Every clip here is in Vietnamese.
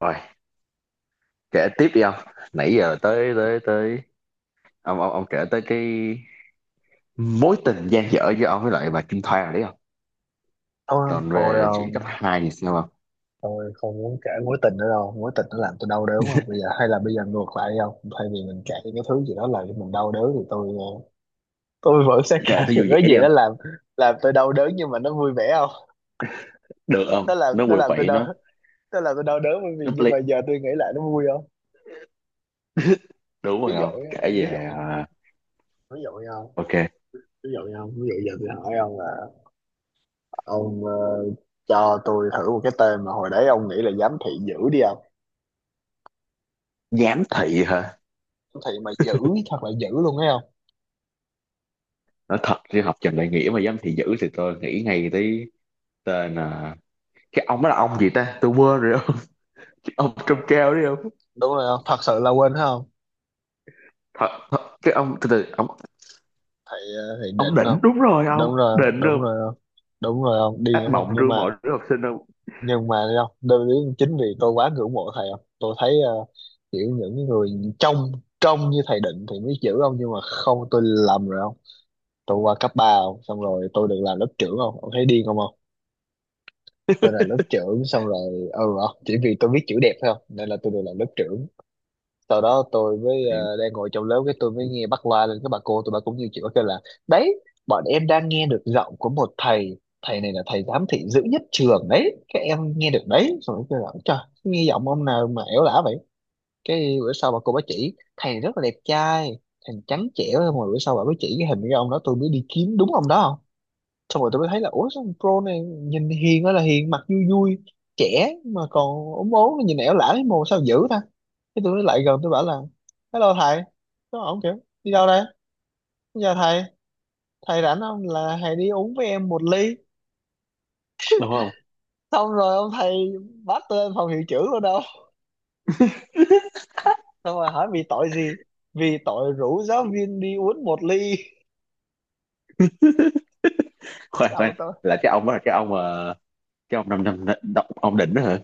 Rồi, kể tiếp đi ông. Nãy giờ tới tới tới ông kể tới cái mối tình dang dở giữa ông với lại bà Kim Thoa rồi đấy không? Ờ, thôi ờ, Còn thôi về chuyện cấp um, 2 thì sao không? tôi không muốn kể mối tình nữa đâu. Mối tình nó làm tôi đau đớn, mà bây giờ hay là bây giờ ngược lại không, thay vì mình kể những cái thứ gì đó làm cho mình đau đớn thì tôi vẫn sẽ kể Kể thấy những vui cái vẻ đi gì đó không? làm tôi đau đớn nhưng mà nó vui vẻ không. Được không? nó làm Nó nó quậy làm tôi quậy đau, nó làm tôi đau đớn bởi vì nó nhưng play. mà giờ tôi nghĩ lại nó vui không. Đúng Ví rồi dụ không? nhá, Kể về ví dụ nha ok, ví dụ nha ví dụ giờ tôi hỏi ông là, ông cho tôi thử một cái tên mà hồi đấy ông nghĩ là giám thị dữ đi không. giám thị hả? Giám thị mà dữ, thật là dữ luôn thấy không. Nói thật chứ học Trần Đại Nghĩa mà giám thị dữ thì tôi nghĩ ngay tới tên cái ông đó là ông gì ta? Tôi quên rồi không? Ông trông cao đấy không? Đúng rồi không, thật sự là quên phải không. Thật, thật cái ông từ từ Thầy ông định đỉnh, không. đúng rồi, ông Đúng rồi không, đỉnh đúng không? rồi không, đúng rồi không đi Ác đúng không, mộng nhưng ru mà mọi đứa học sinh không? nhưng mà thấy không đơn lý, chính vì tôi quá ngưỡng mộ thầy không, tôi thấy uh, kiểu những người trong trong như thầy định thì mới chữ không, nhưng mà không tôi lầm rồi không. Tôi qua cấp ba không, xong rồi tôi được làm lớp trưởng không, ông thấy điên không không. Tôi là lớp trưởng xong rồi, ừ, không chỉ vì tôi biết chữ đẹp thôi không, nên là tôi được làm lớp trưởng. Sau đó đang ngồi trong lớp, cái tôi mới nghe bắt loa lên, các bà cô tụi bà cũng như chị bà kêu là đấy, bọn em đang nghe được giọng của một thầy, thầy này là thầy giám thị dữ nhất trường đấy, các em nghe được đấy. Xong rồi kêu là, trời, nghe giọng ông nào mà ẻo lả vậy. Cái bữa sau bà cô bà chỉ thầy rất là đẹp trai, thầy trắng trẻo, mà bữa sau bà mới chỉ cái hình cái ông đó, tôi mới đi kiếm đúng ông đó. Xong rồi tôi mới thấy là, ủa, sao thằng Pro này nhìn hiền ơi là hiền, mặt vui vui, trẻ mà còn ốm ốm, nhìn ẻo lả thấy mồ, sao dữ ta. Cái tôi mới lại gần tôi bảo là, hello thầy. Nó ổng kiểu, đi đâu đây, giờ thầy thầy rảnh không, là thầy đi uống với em một ly. Đúng không? Xong rồi ông thầy bắt tôi lên phòng hiệu trưởng luôn đâu, xong rồi hỏi vì tội gì, vì tội rủ giáo viên đi uống một ly. Khoan Đâu khoan, tôi, là cái ông đó là cái ông mà cái ông năm năm ông định đó hả?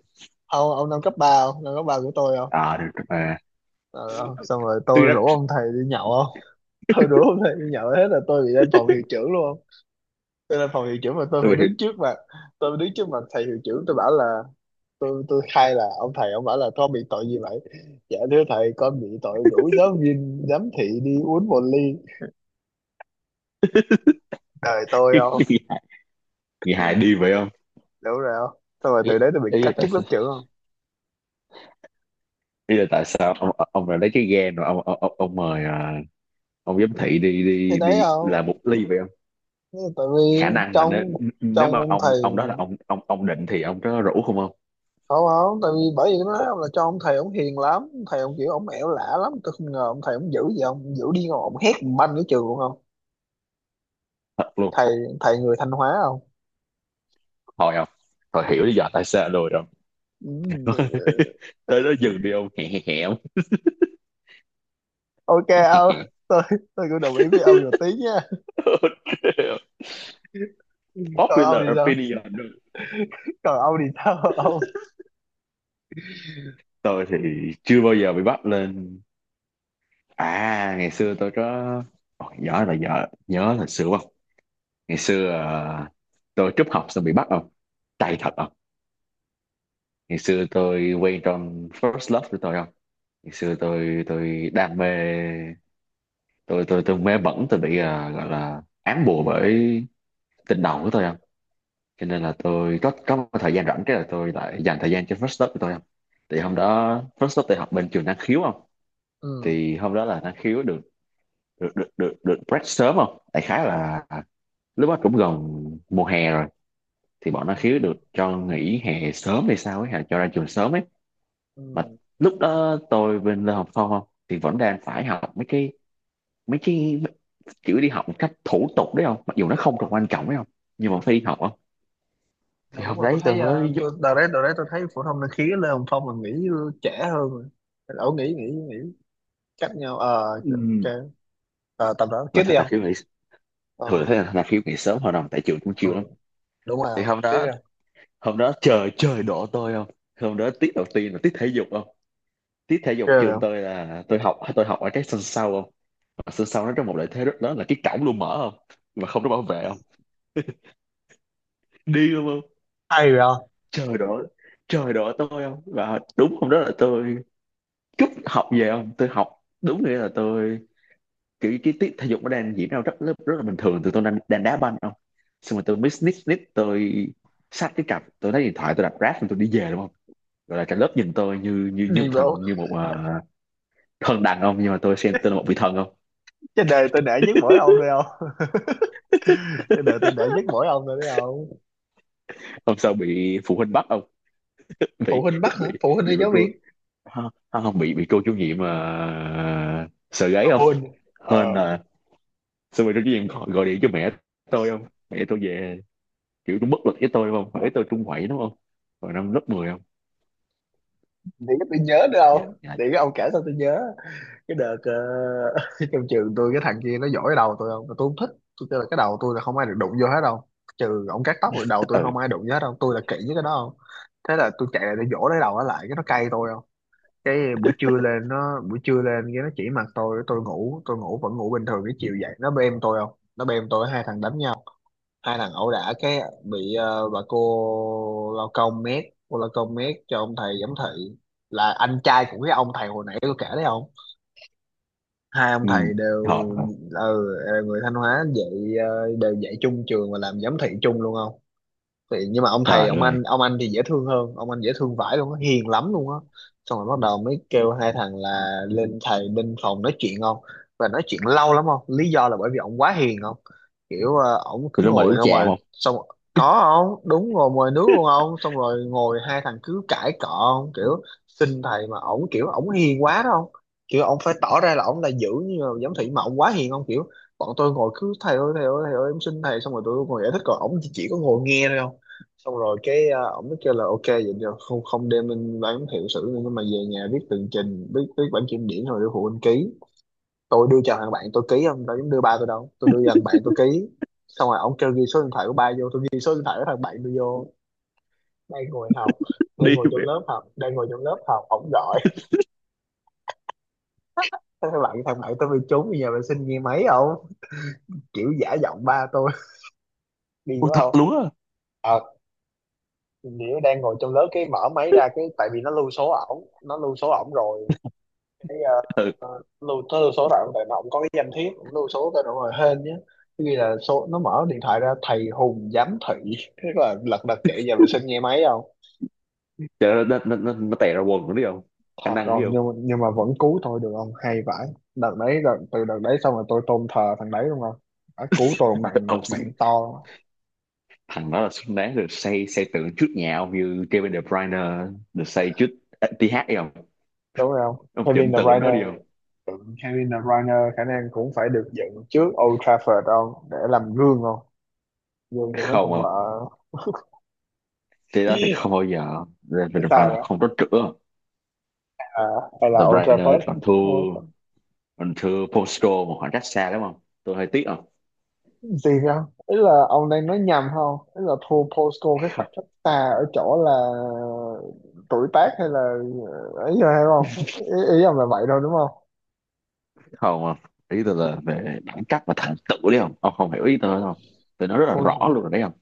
ông năm cấp ba không, năm cấp ba của tôi không. À, được mà. Ờ, ờ, xong rồi Tôi tôi nói, rủ ông thầy đi nhậu. Tôi đố hôm nay đi nhậu hết là tôi bị lên phòng hiệu trưởng luôn không. Tôi lên phòng hiệu trưởng mà tôi phải tôi mà đứng trước mặt, tôi đứng trước mặt thầy hiệu trưởng, tôi bảo là tôi khai là ông thầy ông bảo là, con bị tội gì vậy. Dạ thưa thầy, con bị tội rủ giáo viên giám thị đi uống một ly. Đời tôi không. người hài đi vậy không? Đúng rồi không, xong rồi ý, từ đấy tôi bị ý cắt là tại chức lớp sao, trưởng không. ý là tại sao ông lại lấy cái ghen rồi ông mời ông giám thị đi Thì đi đấy đi là một không, ly vậy không? tại vì Khả năng là nếu, trong nếu trong mà ông thầy. ông đó là ông định thì ông có rủ không không? Không không, tại vì bởi vì nó nói ông là cho ông thầy ông hiền lắm, ông thầy ông kiểu ông ẻo lả lắm, tôi không ngờ ông thầy ông dữ gì, ông dữ đi, ông hét banh cái trường luôn không. Thật luôn. Thầy Thầy người Thanh Hóa không. Thôi không, thôi hiểu lý do tại sao rồi không? Ừ. Tới đó dừng đi ông, hẹ hẹ hẹ ông Ok hẹ hẹ ông. hẹ. Tôi tôi cũng đồng ý với ông một tí nha. còn ông Popular thì sao opinion. còn ông thì sao ông. Tôi thì chưa bao giờ bị bắt lên, à ngày xưa tôi có. Ồ, nhớ là nhớ, nhớ là xưa không? Ngày xưa tôi trúc học xong bị bắt không, tay thật không. Ngày xưa tôi quen trong first love của tôi không. Ngày xưa tôi đam mê, tôi mê bẩn, tôi bị gọi là ám bùa bởi tình đầu của tôi không. Cho nên là tôi có một thời gian rảnh cái là tôi lại dành thời gian cho first stop của tôi không. Thì hôm đó first stop tôi học bên trường năng khiếu không. Ừ, Thì hôm đó là năng khiếu được, được break sớm không, đại khái là lúc đó cũng gần mùa hè rồi, thì bọn năng ừ, khiếu được cho nghỉ hè sớm hay sao ấy, hè cho ra trường sớm ấy. Mà ừ. lúc đó tôi bên Lê Hồng Phong không, thì vẫn đang phải học mấy cái kiểu đi học một cách thủ tục đấy không, mặc dù nó không còn quan trọng đấy không, nhưng mà phải đi học không. Ờ, Thì đúng hôm rồi, tôi đấy tôi thấy, mới giúp tôi đợt đấy tôi thấy phổ thông năng khí Lê Hồng Phong là nghĩ trẻ hơn rồi, ổng nghĩ nghĩ nghĩ cách nhau ừ. ok. Ờ, tầm đó Mà tiếp đi thật là không. khiếu nghĩ ờ thường thấy là khi ngày sớm hội đồng tại trường cũng ừ, chiều lắm. đúng rồi Thì không, hôm tiếp đó, đi không. hôm đó trời trời đổ tôi không. Hôm đó tiết đầu tiên là tiết thể dục không. Tiết thể dục Tiếp rồi trường không? tôi là tôi học ở cái sân sau không. Mà sân sau nó trong một lợi thế rất lớn là cái cổng luôn mở không, mà không có bảo vệ không, đi luôn không. Hay rồi không. Trời đổ, trời đổ tôi không, và đúng hôm đó là tôi cúp học về không. Tôi học đúng nghĩa là tôi kiểu cái tiết thể dục nó đang diễn ra rất rất, rất là bình thường, tôi đang đá banh không. Xong rồi tôi mới sneak sneak tôi xách cái cặp, tôi lấy điện thoại tôi đặt Grab, xong tôi đi về đúng không. Rồi là cả lớp nhìn tôi như như như Đi một bộ. thằng, như một thần đàn ông, nhưng mà tôi xem tôi là một vị thần không. Trên đời tôi nể nhất mỗi ông thôi không. Trên đời tôi nể nhất mỗi ông rồi đấy không. Hôm sau bị phụ huynh bắt không. Phụ bị huynh bắt hả, bị phụ huynh bị hay bà giáo cô, viên. không, không, bị bị cô chủ nhiệm sợ gáy không. Hôn, ờ Hên là xong rồi cô chủ nhiệm gọi điện cho mẹ tôi không, mẹ tôi về kiểu cũng bất lực với tôi đúng không, mẹ tôi trung quậy đúng không. Rồi năm lớp 10 không. để cái tôi nhớ nữa Dạ không, dạ. để cái ông kể sao tôi nhớ. Cái trong trường tôi, cái thằng kia nó dỗi đầu tôi không, mà tôi không thích. Tôi kêu là cái đầu tôi là không ai được đụng vô hết đâu, trừ ông cắt tóc rồi, đầu tôi Ừ không ai đụng vô hết đâu, tôi là kỹ với cái đó không. Thế là tôi chạy lại để dỗ lấy đầu nó lại, cái nó cay tôi không. Cái buổi trưa lên nó, buổi trưa lên cái nó chỉ mặt tôi, tôi ngủ vẫn ngủ bình thường, cái chiều dậy nó bêm tôi không. Nó bêm tôi, hai thằng đánh nhau, hai thằng ẩu đả, cái bị bà cô lao công mét, cô lao công mét cho ông thầy giám thị, là anh trai của cái ông thầy hồi nãy tôi kể đấy không. Hai ông ừ. thầy đều, Trời ơi. ừ, người Thanh Hóa dạy, đều dạy chung trường và làm giám thị chung luôn không. Thì nhưng mà ông thầy Trời ông ơi. anh, thì dễ thương hơn, ông anh dễ thương vãi luôn á, hiền lắm luôn á. Xong rồi bắt đầu mới kêu hai thằng là lên thầy bên phòng nói chuyện không, và nói chuyện lâu lắm không, lý do là bởi vì ông quá hiền không, kiểu ổng cứ Tụi nó mời đi ngồi uống không trà rồi không. xong. Có không, đúng rồi, mời nước luôn không, xong rồi ngồi hai thằng cứ cãi cọ không, kiểu xin thầy mà ổng kiểu ổng hiền quá đó không, kiểu ổng phải tỏ ra là ổng là dữ như là giám thị mà ổng quá hiền không, kiểu bọn tôi ngồi cứ thầy ơi thầy ơi thầy ơi em xin thầy, xong rồi tụi tôi ngồi giải thích, còn ổng chỉ có ngồi nghe thôi không. Xong rồi cái ổng mới kêu là, ok vậy được không, không đem lên bán hiệu sử nữa nhưng mà về nhà viết tường trình, viết viết bản kiểm điểm rồi đưa phụ huynh ký. Tôi đưa cho thằng bạn tôi ký không, tôi dám đưa ba tôi đâu, tôi đưa cho thằng bạn tôi ký. Xong rồi ổng kêu ghi số điện thoại của ba vô, tôi ghi số điện thoại của thằng bạn tôi vô. Đang ngồi học, Đi mẹ. Đang ngồi trong lớp học ổng gọi. Thế thằng bạn tôi bị trúng bây giờ vệ sinh nghe máy không, kiểu giả giọng ba tôi. Điên Ôi, quá thật không. luôn á. Ờ, nghĩa đang ngồi trong lớp cái mở máy ra, cái tại vì nó lưu số ổng, nó lưu số ổng rồi. Cái Ừ. Lưu tới lưu số đoạn, tại nó cũng có cái danh thiếp cũng lưu số tới đoạn rồi, hên nhé, ghi là số, nó mở điện thoại ra thầy Hùng giám thị. Thế là lật đật chạy về vệ sinh nghe máy không. Trời ơi, nó tè ra quần nữa đi không, khả Thật năng đi không, không. nhưng mà vẫn cứu tôi được không, hay vãi. Từ đợt đấy xong rồi tôi tôn thờ thằng đấy đúng không, đã cứu tôi một mạng, một Ông xứng- mạng to thằng đó là xứng đáng được xây xây tượng trước nhà ông như Kevin De Bruyne, được xây trước tê hát đi không, đúng không. ông Kevin chỉnh De tượng Bruyne. nó đi không. Ừ, Kevin De Bruyne khả năng cũng phải được dựng trước Old Trafford không, để làm gương không, gương cho mấy Không con không, vợ. thế đó thì không bao giờ Kevin Tại De Bruyne sao? không có chữa. À, hay De là Old Bruyne Trafford. còn Ủa, có thua, còn thua Postal một khoảng cách xa lắm không, tôi hơi tiếc không. gì không, ý là ông đang nói nhầm không, ý là thua Postco cái khoảng cách xa ở chỗ là tuổi tác hay là ấy rồi hay không, ý ông là vậy thôi đúng không. Không không, ý tôi là về đẳng cấp và thành tựu đấy không, ông không hiểu ý tôi không, tôi nói rất là rõ Post, luôn rồi đấy không.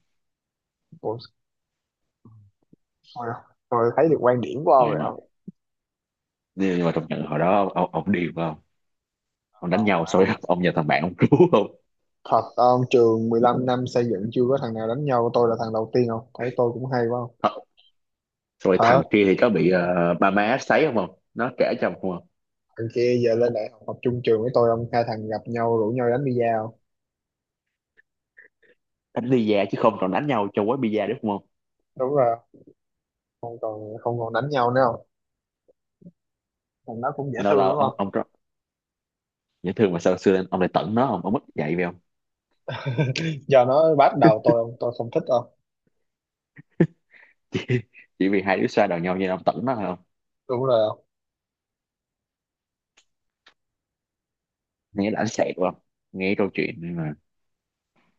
Post, thôi, thấy được quan điểm của Ờ, ông nhưng rồi mà, ông. nhưng mà trong trận hồi đó ông điên phải không, ông đánh nhau xong rồi ông nhờ thằng bạn ông cứu không. Thật, ông trường 15 năm xây dựng chưa có thằng nào đánh nhau, tôi là thằng đầu tiên không thấy, tôi cũng hay quá không. Thật. Rồi Hả. thằng kia thì có bị ba má sấy không không, nó kể cho ông không không? Thằng kia giờ lên đại học học chung trường với tôi ông, hai thằng gặp nhau rủ nhau đánh bida không. Đánh bida chứ không còn đánh nhau cho quán bida đúng không không. Đúng rồi, không còn đánh nhau nữa, thằng nó cũng dễ Lâu thương lâu đúng không. ông rất dễ thương, mà sao xưa lên ông lại tẩn nó không, ông mất dạy về không. Giờ nó bắt đầu tôi không thích đâu. chỉ, chỉ vì hai đứa xoa đầu nhau như ông tẩn nó thôi không. Đúng rồi không. Nghe đã sẹt không, nghe câu chuyện nhưng mà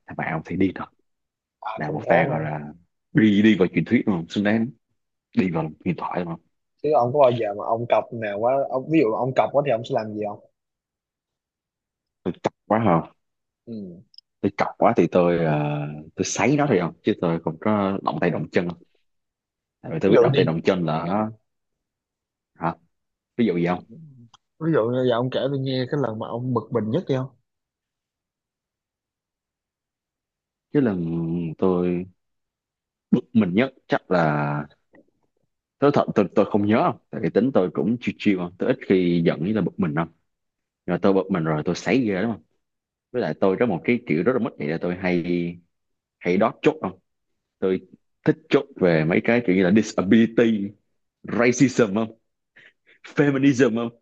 thằng bạn ông thì đi Ai là cũng một thế pha mà. gọi là đi đi vào truyền thuyết đúng không, xứng đáng đi vào huyền thoại đúng không. Chứ ông có bao giờ mà ông cọc nào quá ông, ví dụ ông cọc quá thì ông sẽ làm gì không. Tôi chọc quá không, Ừ. tôi chọc quá thì tôi tôi sấy nó thôi không, chứ tôi không có động tay động chân, tại vì tôi Ví biết dụ động đi. tay động chân là nó hả. Ví dụ gì không? Ví dụ như giờ ông kể tôi nghe cái lần mà ông bực mình nhất đi không. Chứ lần tôi bực mình nhất chắc là tôi thật, tôi không nhớ không, tại vì tính tôi cũng chill chill không, tôi ít khi giận như là bực mình không. Nhưng mà tôi bực mình rồi tôi sấy ghê đúng không. Với lại tôi có một cái kiểu rất là mất vậy, là tôi hay hay đót chốt không. Tôi thích chốt về mấy cái kiểu như là disability, racism không, feminism không.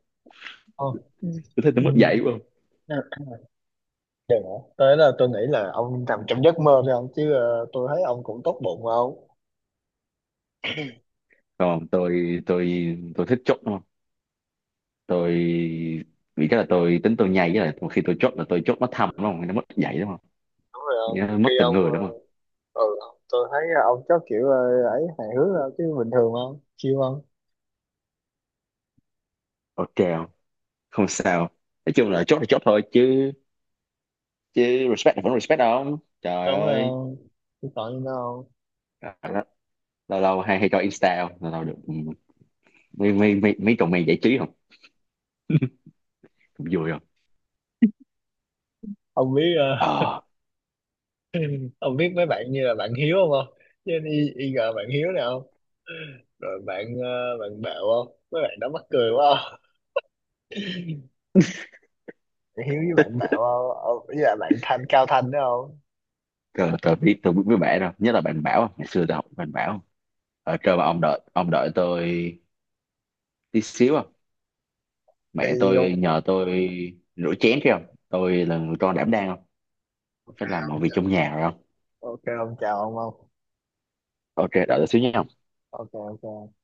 Ờ. Ừ. Tôi thấy Ừ. tôi mất dạy quá không. Đừng hả? Tới là tôi nghĩ là ông nằm trong giấc mơ thôi ông, chứ tôi thấy ông cũng tốt bụng mà ông. Còn tôi tôi thích chốt đúng không. Tôi vì cái là tính tôi nhây, với lại một khi tôi chốt là tôi chốt nó thâm đúng không, nó mất dạy đúng không, Đúng rồi ông. nó mất Khi tình ông người đúng không. ừ, tôi thấy ông chắc kiểu ấy hài hước thôi, chứ bình thường không? Chiêu không? Ok không, không sao, nói chung là chốt thôi chứ, chứ respect là vẫn respect không, trời Đúng rồi ơi. không, chứ còn gì nữa không. Lâu lâu hay hay cho insta không, lâu lâu được mấy mấy mấy mấy cậu mày giải trí không, cũng vui không. Ông biết Ờ, ông biết mấy bạn như là bạn Hiếu không không. Chứ y gờ bạn Hiếu nào không. Rồi bạn bạn Bảo không, mấy bạn đó mắc cười quá không. Bạn Hiếu với bạn Bảo không, Ông- với là bạn Thanh Cao Thanh đó không. tôi biết với bạn đâu nhất là bạn bảo, ngày xưa tôi học bạn bảo. Ờ, kêu mà ông đợi tôi tí xíu không, Đi mẹ tôi không. nhờ tôi rửa chén kia không, tôi là người con đảm đang, không ok phải làm ông mọi việc chào trong nhà rồi không. ok ông chào ông không. Ok đợi tôi xíu nha. Ok ok.